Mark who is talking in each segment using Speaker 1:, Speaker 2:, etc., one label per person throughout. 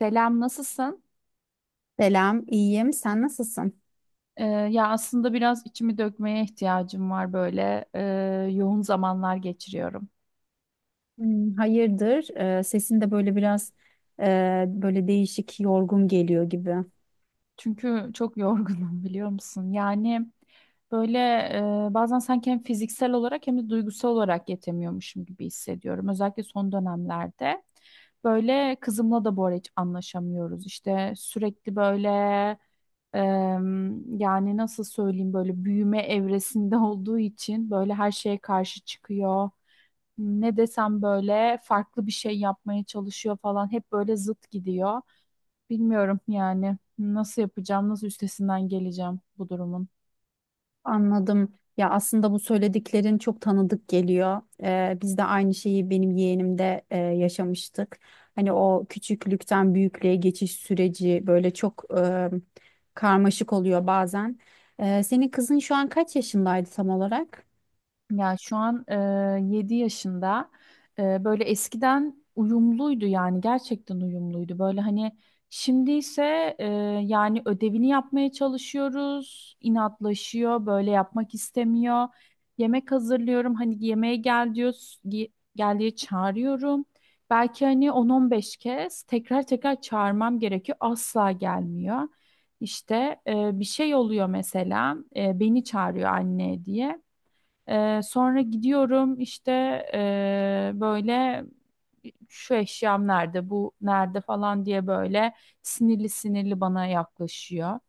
Speaker 1: Selam, nasılsın?
Speaker 2: Selam, iyiyim. Sen nasılsın?
Speaker 1: Ya aslında biraz içimi dökmeye ihtiyacım var böyle. Yoğun zamanlar geçiriyorum.
Speaker 2: Hayırdır? Sesin de böyle biraz böyle değişik, yorgun geliyor gibi.
Speaker 1: Çünkü çok yorgunum, biliyor musun? Yani böyle, bazen sanki hem fiziksel olarak hem de duygusal olarak yetemiyormuşum gibi hissediyorum. Özellikle son dönemlerde. Böyle kızımla da bu ara hiç anlaşamıyoruz. İşte sürekli böyle, e, yani nasıl söyleyeyim, böyle büyüme evresinde olduğu için böyle her şeye karşı çıkıyor. Ne desem böyle farklı bir şey yapmaya çalışıyor falan. Hep böyle zıt gidiyor. Bilmiyorum yani nasıl yapacağım, nasıl üstesinden geleceğim bu durumun.
Speaker 2: Anladım. Ya aslında bu söylediklerin çok tanıdık geliyor. Biz de aynı şeyi benim yeğenimde yaşamıştık. Hani o küçüklükten büyüklüğe geçiş süreci böyle çok karmaşık oluyor bazen. Senin kızın şu an kaç yaşındaydı tam olarak?
Speaker 1: Ya şu an 7 yaşında. Böyle eskiden uyumluydu, yani gerçekten uyumluydu. Böyle hani şimdi ise, yani ödevini yapmaya çalışıyoruz, inatlaşıyor, böyle yapmak istemiyor. Yemek hazırlıyorum, hani yemeğe gel diyor, gel diye çağırıyorum. Belki hani 10-15 kez tekrar tekrar çağırmam gerekiyor, asla gelmiyor. İşte, bir şey oluyor mesela, beni çağırıyor anne diye. Sonra gidiyorum, işte böyle şu eşyam nerede, bu nerede falan diye böyle sinirli sinirli bana yaklaşıyor.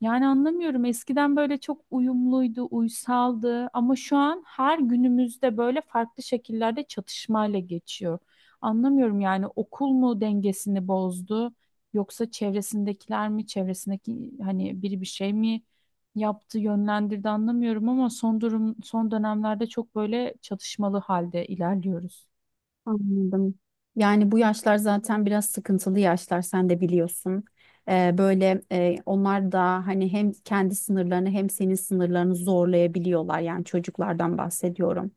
Speaker 1: Yani anlamıyorum. Eskiden böyle çok uyumluydu, uysaldı, ama şu an her günümüzde böyle farklı şekillerde çatışmayla geçiyor. Anlamıyorum yani, okul mu dengesini bozdu yoksa çevresindekiler mi, çevresindeki hani biri bir şey mi yaptı, yönlendirdi, anlamıyorum, ama son durum, son dönemlerde çok böyle çatışmalı halde ilerliyoruz.
Speaker 2: Anladım. Yani bu yaşlar zaten biraz sıkıntılı yaşlar, sen de biliyorsun. Böyle onlar da hani hem kendi sınırlarını hem senin sınırlarını zorlayabiliyorlar. Yani çocuklardan bahsediyorum.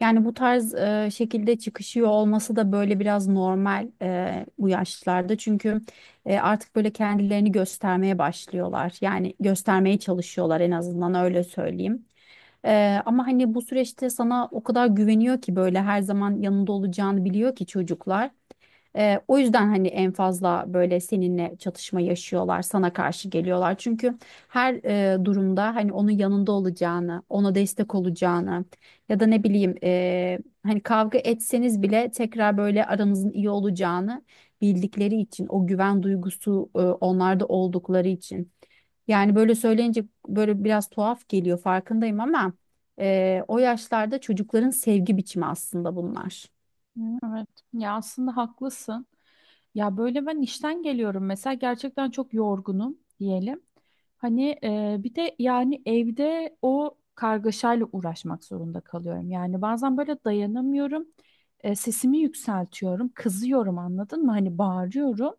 Speaker 2: Yani bu tarz şekilde çıkışıyor olması da böyle biraz normal bu yaşlarda. Çünkü artık böyle kendilerini göstermeye başlıyorlar. Yani göstermeye çalışıyorlar, en azından öyle söyleyeyim. Ama hani bu süreçte sana o kadar güveniyor ki, böyle her zaman yanında olacağını biliyor ki çocuklar. O yüzden hani en fazla böyle seninle çatışma yaşıyorlar, sana karşı geliyorlar. Çünkü her durumda hani onun yanında olacağını, ona destek olacağını ya da ne bileyim, hani kavga etseniz bile tekrar böyle aranızın iyi olacağını bildikleri için, o güven duygusu onlarda oldukları için. Yani böyle söyleyince böyle biraz tuhaf geliyor, farkındayım, ama o yaşlarda çocukların sevgi biçimi aslında bunlar.
Speaker 1: Hı, evet. Ya aslında haklısın. Ya böyle ben işten geliyorum mesela, gerçekten çok yorgunum diyelim. Hani, bir de yani evde o kargaşayla uğraşmak zorunda kalıyorum. Yani bazen böyle dayanamıyorum. Sesimi yükseltiyorum, kızıyorum, anladın mı? Hani bağırıyorum.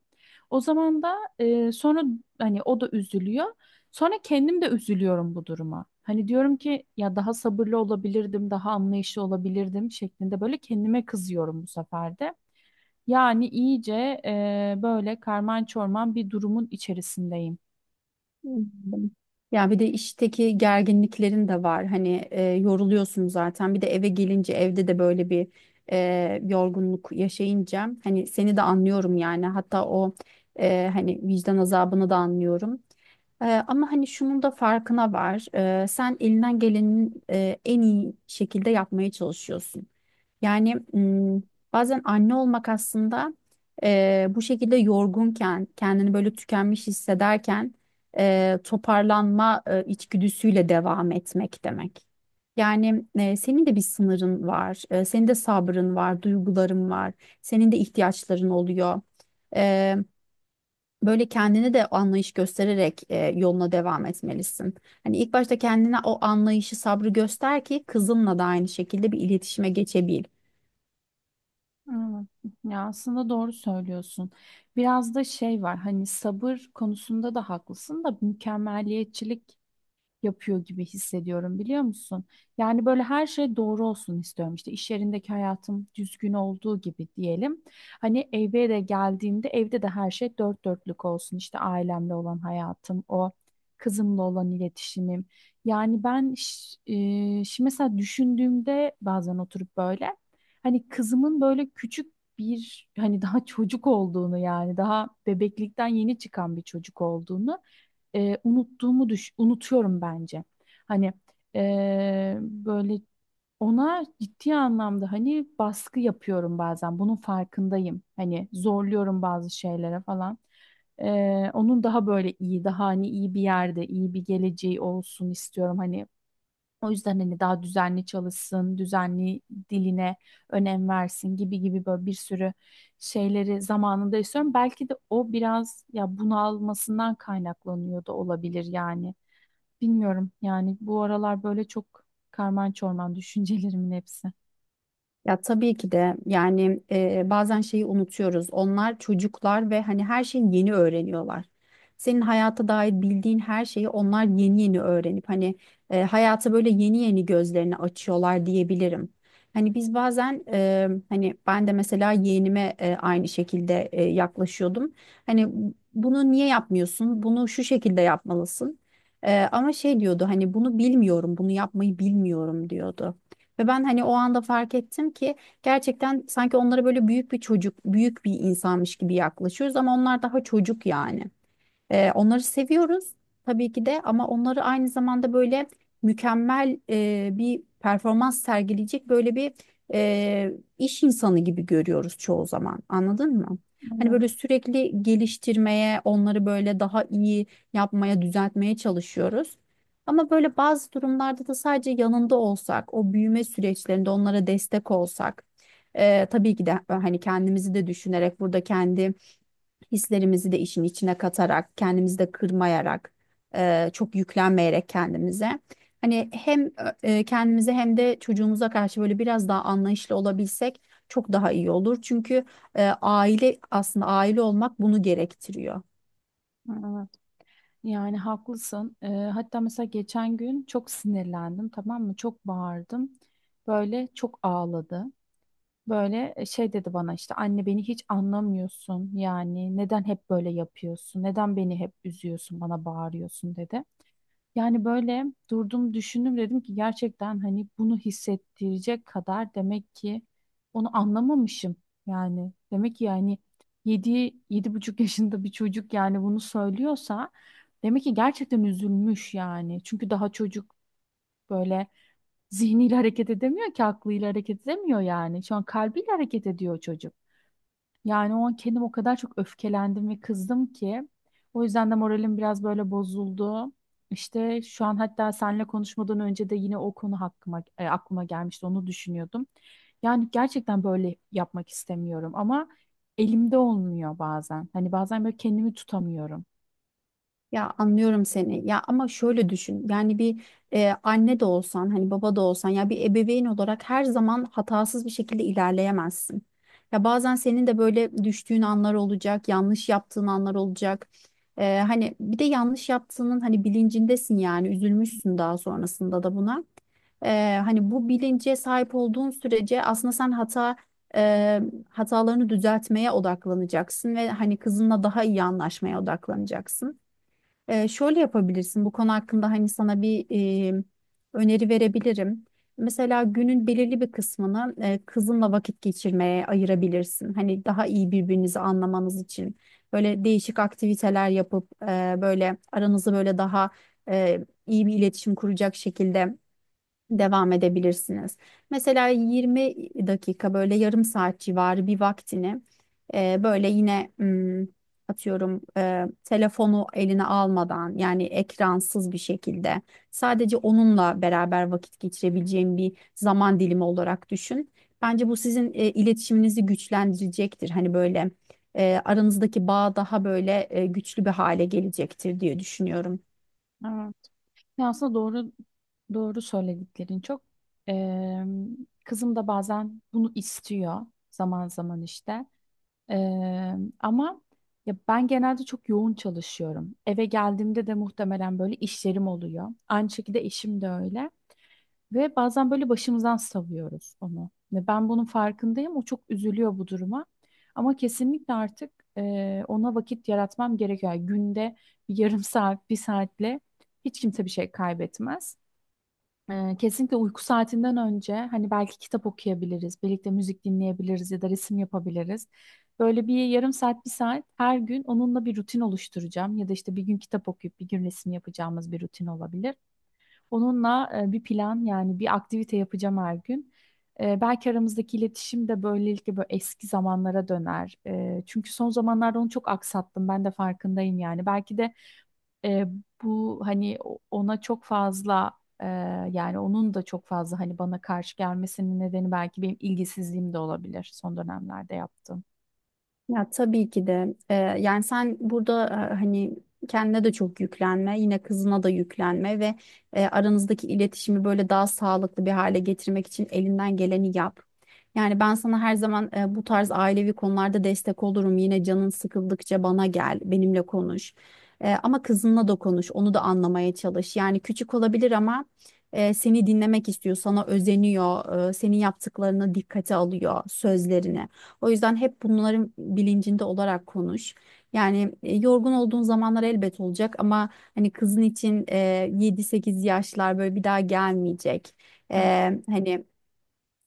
Speaker 1: O zaman da, sonra hani o da üzülüyor. Sonra kendim de üzülüyorum bu duruma. Hani diyorum ki ya daha sabırlı olabilirdim, daha anlayışlı olabilirdim şeklinde böyle kendime kızıyorum bu sefer de. Yani iyice, böyle karman çorman bir durumun içerisindeyim.
Speaker 2: Anladım. Ya bir de işteki gerginliklerin de var. Hani yoruluyorsun zaten. Bir de eve gelince evde de böyle bir yorgunluk yaşayınca hani seni de anlıyorum yani. Hatta o hani vicdan azabını da anlıyorum. Ama hani şunun da farkına var. Sen elinden gelenin en iyi şekilde yapmaya çalışıyorsun. Yani m, Bazen anne olmak aslında bu şekilde yorgunken, kendini böyle tükenmiş hissederken toparlanma içgüdüsüyle devam etmek demek. Yani senin de bir sınırın var, senin de sabrın var, duyguların var, senin de ihtiyaçların oluyor. E, Böyle kendine de anlayış göstererek yoluna devam etmelisin. Hani ilk başta kendine o anlayışı, sabrı göster ki kızınla da aynı şekilde bir iletişime geçebil.
Speaker 1: Evet. Ya aslında doğru söylüyorsun. Biraz da şey var, hani sabır konusunda da haklısın da, mükemmeliyetçilik yapıyor gibi hissediyorum, biliyor musun? Yani böyle her şey doğru olsun istiyorum. İşte iş yerindeki hayatım düzgün olduğu gibi diyelim. Hani eve de geldiğimde evde de her şey dört dörtlük olsun. İşte ailemle olan hayatım, o kızımla olan iletişimim. Yani ben ş- Şimdi mesela düşündüğümde bazen oturup böyle hani kızımın böyle küçük bir, hani daha çocuk olduğunu, yani daha bebeklikten yeni çıkan bir çocuk olduğunu, unuttuğumu unutuyorum bence. Hani, böyle ona ciddi anlamda hani baskı yapıyorum bazen. Bunun farkındayım. Hani zorluyorum bazı şeylere falan. E, Onun daha böyle iyi, daha hani iyi bir yerde, iyi bir geleceği olsun istiyorum. Hani o yüzden hani daha düzenli çalışsın, düzenli diline önem versin gibi gibi böyle bir sürü şeyleri zamanında istiyorum. Belki de o biraz ya bunalmasından kaynaklanıyor da olabilir yani. Bilmiyorum yani, bu aralar böyle çok karman çorman düşüncelerimin hepsi.
Speaker 2: Ya tabii ki de, yani bazen şeyi unutuyoruz. Onlar çocuklar ve hani her şeyi yeni öğreniyorlar. Senin hayata dair bildiğin her şeyi onlar yeni yeni öğrenip hani hayata böyle yeni yeni gözlerini açıyorlar diyebilirim. Hani biz bazen, hani ben de mesela yeğenime aynı şekilde yaklaşıyordum. Hani bunu niye yapmıyorsun? Bunu şu şekilde yapmalısın. Ama şey diyordu, hani bunu bilmiyorum, bunu yapmayı bilmiyorum diyordu. Ve ben hani o anda fark ettim ki gerçekten sanki onlara böyle büyük bir çocuk, büyük bir insanmış gibi yaklaşıyoruz ama onlar daha çocuk yani. Onları seviyoruz tabii ki de, ama onları aynı zamanda böyle mükemmel bir performans sergileyecek böyle bir e, iş insanı gibi görüyoruz çoğu zaman. Anladın mı? Hani
Speaker 1: Evet,
Speaker 2: böyle sürekli geliştirmeye, onları böyle daha iyi yapmaya, düzeltmeye çalışıyoruz. Ama böyle bazı durumlarda da sadece yanında olsak, o büyüme süreçlerinde onlara destek olsak, tabii ki de hani kendimizi de düşünerek, burada kendi hislerimizi de işin içine katarak, kendimizi de kırmayarak, çok yüklenmeyerek kendimize. Hani hem kendimize hem de çocuğumuza karşı böyle biraz daha anlayışlı olabilsek çok daha iyi olur. Çünkü aile aslında, aile olmak bunu gerektiriyor.
Speaker 1: evet. Yani haklısın. Hatta mesela geçen gün çok sinirlendim, tamam mı? Çok bağırdım. Böyle çok ağladı. Böyle, şey dedi bana, işte anne beni hiç anlamıyorsun, yani neden hep böyle yapıyorsun, neden beni hep üzüyorsun, bana bağırıyorsun dedi. Yani böyle durdum, düşündüm, dedim ki gerçekten hani bunu hissettirecek kadar demek ki onu anlamamışım, yani demek ki, yani 7-7,5 yaşında bir çocuk yani bunu söylüyorsa demek ki gerçekten üzülmüş yani, çünkü daha çocuk, böyle zihniyle hareket edemiyor ki, aklıyla hareket edemiyor yani. Şu an kalbiyle hareket ediyor çocuk. Yani o an kendim o kadar çok öfkelendim ve kızdım ki. O yüzden de moralim biraz böyle bozuldu. İşte şu an hatta seninle konuşmadan önce de yine o konu aklıma gelmişti. Onu düşünüyordum. Yani gerçekten böyle yapmak istemiyorum, ama elimde olmuyor bazen. Hani bazen böyle kendimi tutamıyorum.
Speaker 2: Ya anlıyorum seni. Ya ama şöyle düşün. Yani bir anne de olsan, hani baba da olsan, ya bir ebeveyn olarak her zaman hatasız bir şekilde ilerleyemezsin. Ya bazen senin de böyle düştüğün anlar olacak, yanlış yaptığın anlar olacak. Hani bir de yanlış yaptığının hani bilincindesin, yani üzülmüşsün daha sonrasında da buna. Hani bu bilince sahip olduğun sürece aslında sen e, hatalarını düzeltmeye odaklanacaksın ve hani kızınla daha iyi anlaşmaya odaklanacaksın. Şöyle yapabilirsin: bu konu hakkında hani sana bir e, öneri verebilirim. Mesela günün belirli bir kısmını kızınla vakit geçirmeye ayırabilirsin. Hani daha iyi birbirinizi anlamanız için böyle değişik aktiviteler yapıp böyle aranızı böyle daha iyi bir iletişim kuracak şekilde devam edebilirsiniz. Mesela 20 dakika, böyle yarım saat civarı bir vaktini, böyle yine atıyorum, telefonu eline almadan yani ekransız bir şekilde, sadece onunla beraber vakit geçirebileceğim bir zaman dilimi olarak düşün. Bence bu sizin iletişiminizi güçlendirecektir. Hani böyle aranızdaki bağ daha böyle güçlü bir hale gelecektir diye düşünüyorum.
Speaker 1: Ya aslında doğru söylediklerin çok. Eee, Kızım da bazen bunu istiyor, zaman zaman işte. Ama ya ben genelde çok yoğun çalışıyorum. Eve geldiğimde de muhtemelen böyle işlerim oluyor. Aynı şekilde eşim de öyle. Ve bazen böyle başımızdan savuyoruz onu. Ve ben bunun farkındayım. O çok üzülüyor bu duruma. Ama kesinlikle artık ona vakit yaratmam gerekiyor. Yani günde bir yarım saat, bir saatle hiç kimse bir şey kaybetmez. Kesinlikle uyku saatinden önce hani belki kitap okuyabiliriz, birlikte müzik dinleyebiliriz ya da resim yapabiliriz. Böyle bir yarım saat, bir saat her gün onunla bir rutin oluşturacağım, ya da işte bir gün kitap okuyup bir gün resim yapacağımız bir rutin olabilir. Onunla bir plan, yani bir aktivite yapacağım her gün. Belki aramızdaki iletişim de böylelikle böyle eski zamanlara döner. Çünkü son zamanlarda onu çok aksattım, ben de farkındayım yani. Belki de, e, bu hani ona çok fazla, e, yani onun da çok fazla hani bana karşı gelmesinin nedeni belki benim ilgisizliğim de olabilir, son dönemlerde yaptığım.
Speaker 2: Ya tabii ki de. Yani sen burada hani kendine de çok yüklenme, yine kızına da yüklenme ve aranızdaki iletişimi böyle daha sağlıklı bir hale getirmek için elinden geleni yap. Yani ben sana her zaman bu tarz ailevi konularda destek olurum. Yine canın sıkıldıkça bana gel, benimle konuş. Ama kızınla da konuş, onu da anlamaya çalış. Yani küçük olabilir ama seni dinlemek istiyor, sana özeniyor, senin yaptıklarını dikkate alıyor, sözlerini. O yüzden hep bunların bilincinde olarak konuş. Yani yorgun olduğun zamanlar elbet olacak, ama hani kızın için 7-8 yaşlar böyle bir daha gelmeyecek. E, Hani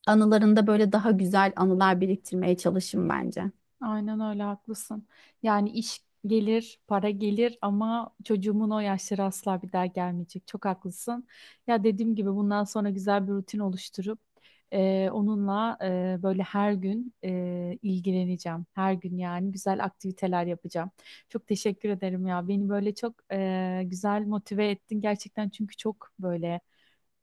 Speaker 2: anılarında böyle daha güzel anılar biriktirmeye çalışın bence.
Speaker 1: Aynen öyle, haklısın. Yani iş gelir, para gelir, ama çocuğumun o yaşları asla bir daha gelmeyecek. Çok haklısın. Ya dediğim gibi, bundan sonra güzel bir rutin oluşturup onunla böyle her gün ilgileneceğim. Her gün yani güzel aktiviteler yapacağım. Çok teşekkür ederim ya. Beni böyle çok güzel motive ettin gerçekten, çünkü çok böyle,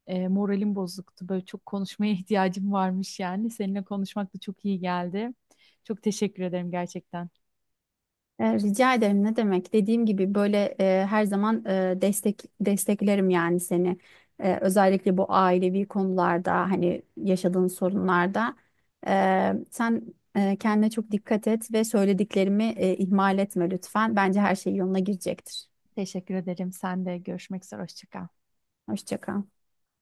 Speaker 1: moralim bozuktu. Böyle çok konuşmaya ihtiyacım varmış yani. Seninle konuşmak da çok iyi geldi. Çok teşekkür ederim gerçekten.
Speaker 2: Rica ederim, ne demek? Dediğim gibi, böyle her zaman desteklerim yani seni. Özellikle bu ailevi konularda, hani yaşadığın sorunlarda. Sen kendine çok dikkat et ve söylediklerimi ihmal etme lütfen. Bence her şey yoluna girecektir.
Speaker 1: Teşekkür ederim. Sen de görüşmek üzere. Hoşça kal.
Speaker 2: Hoşça kal.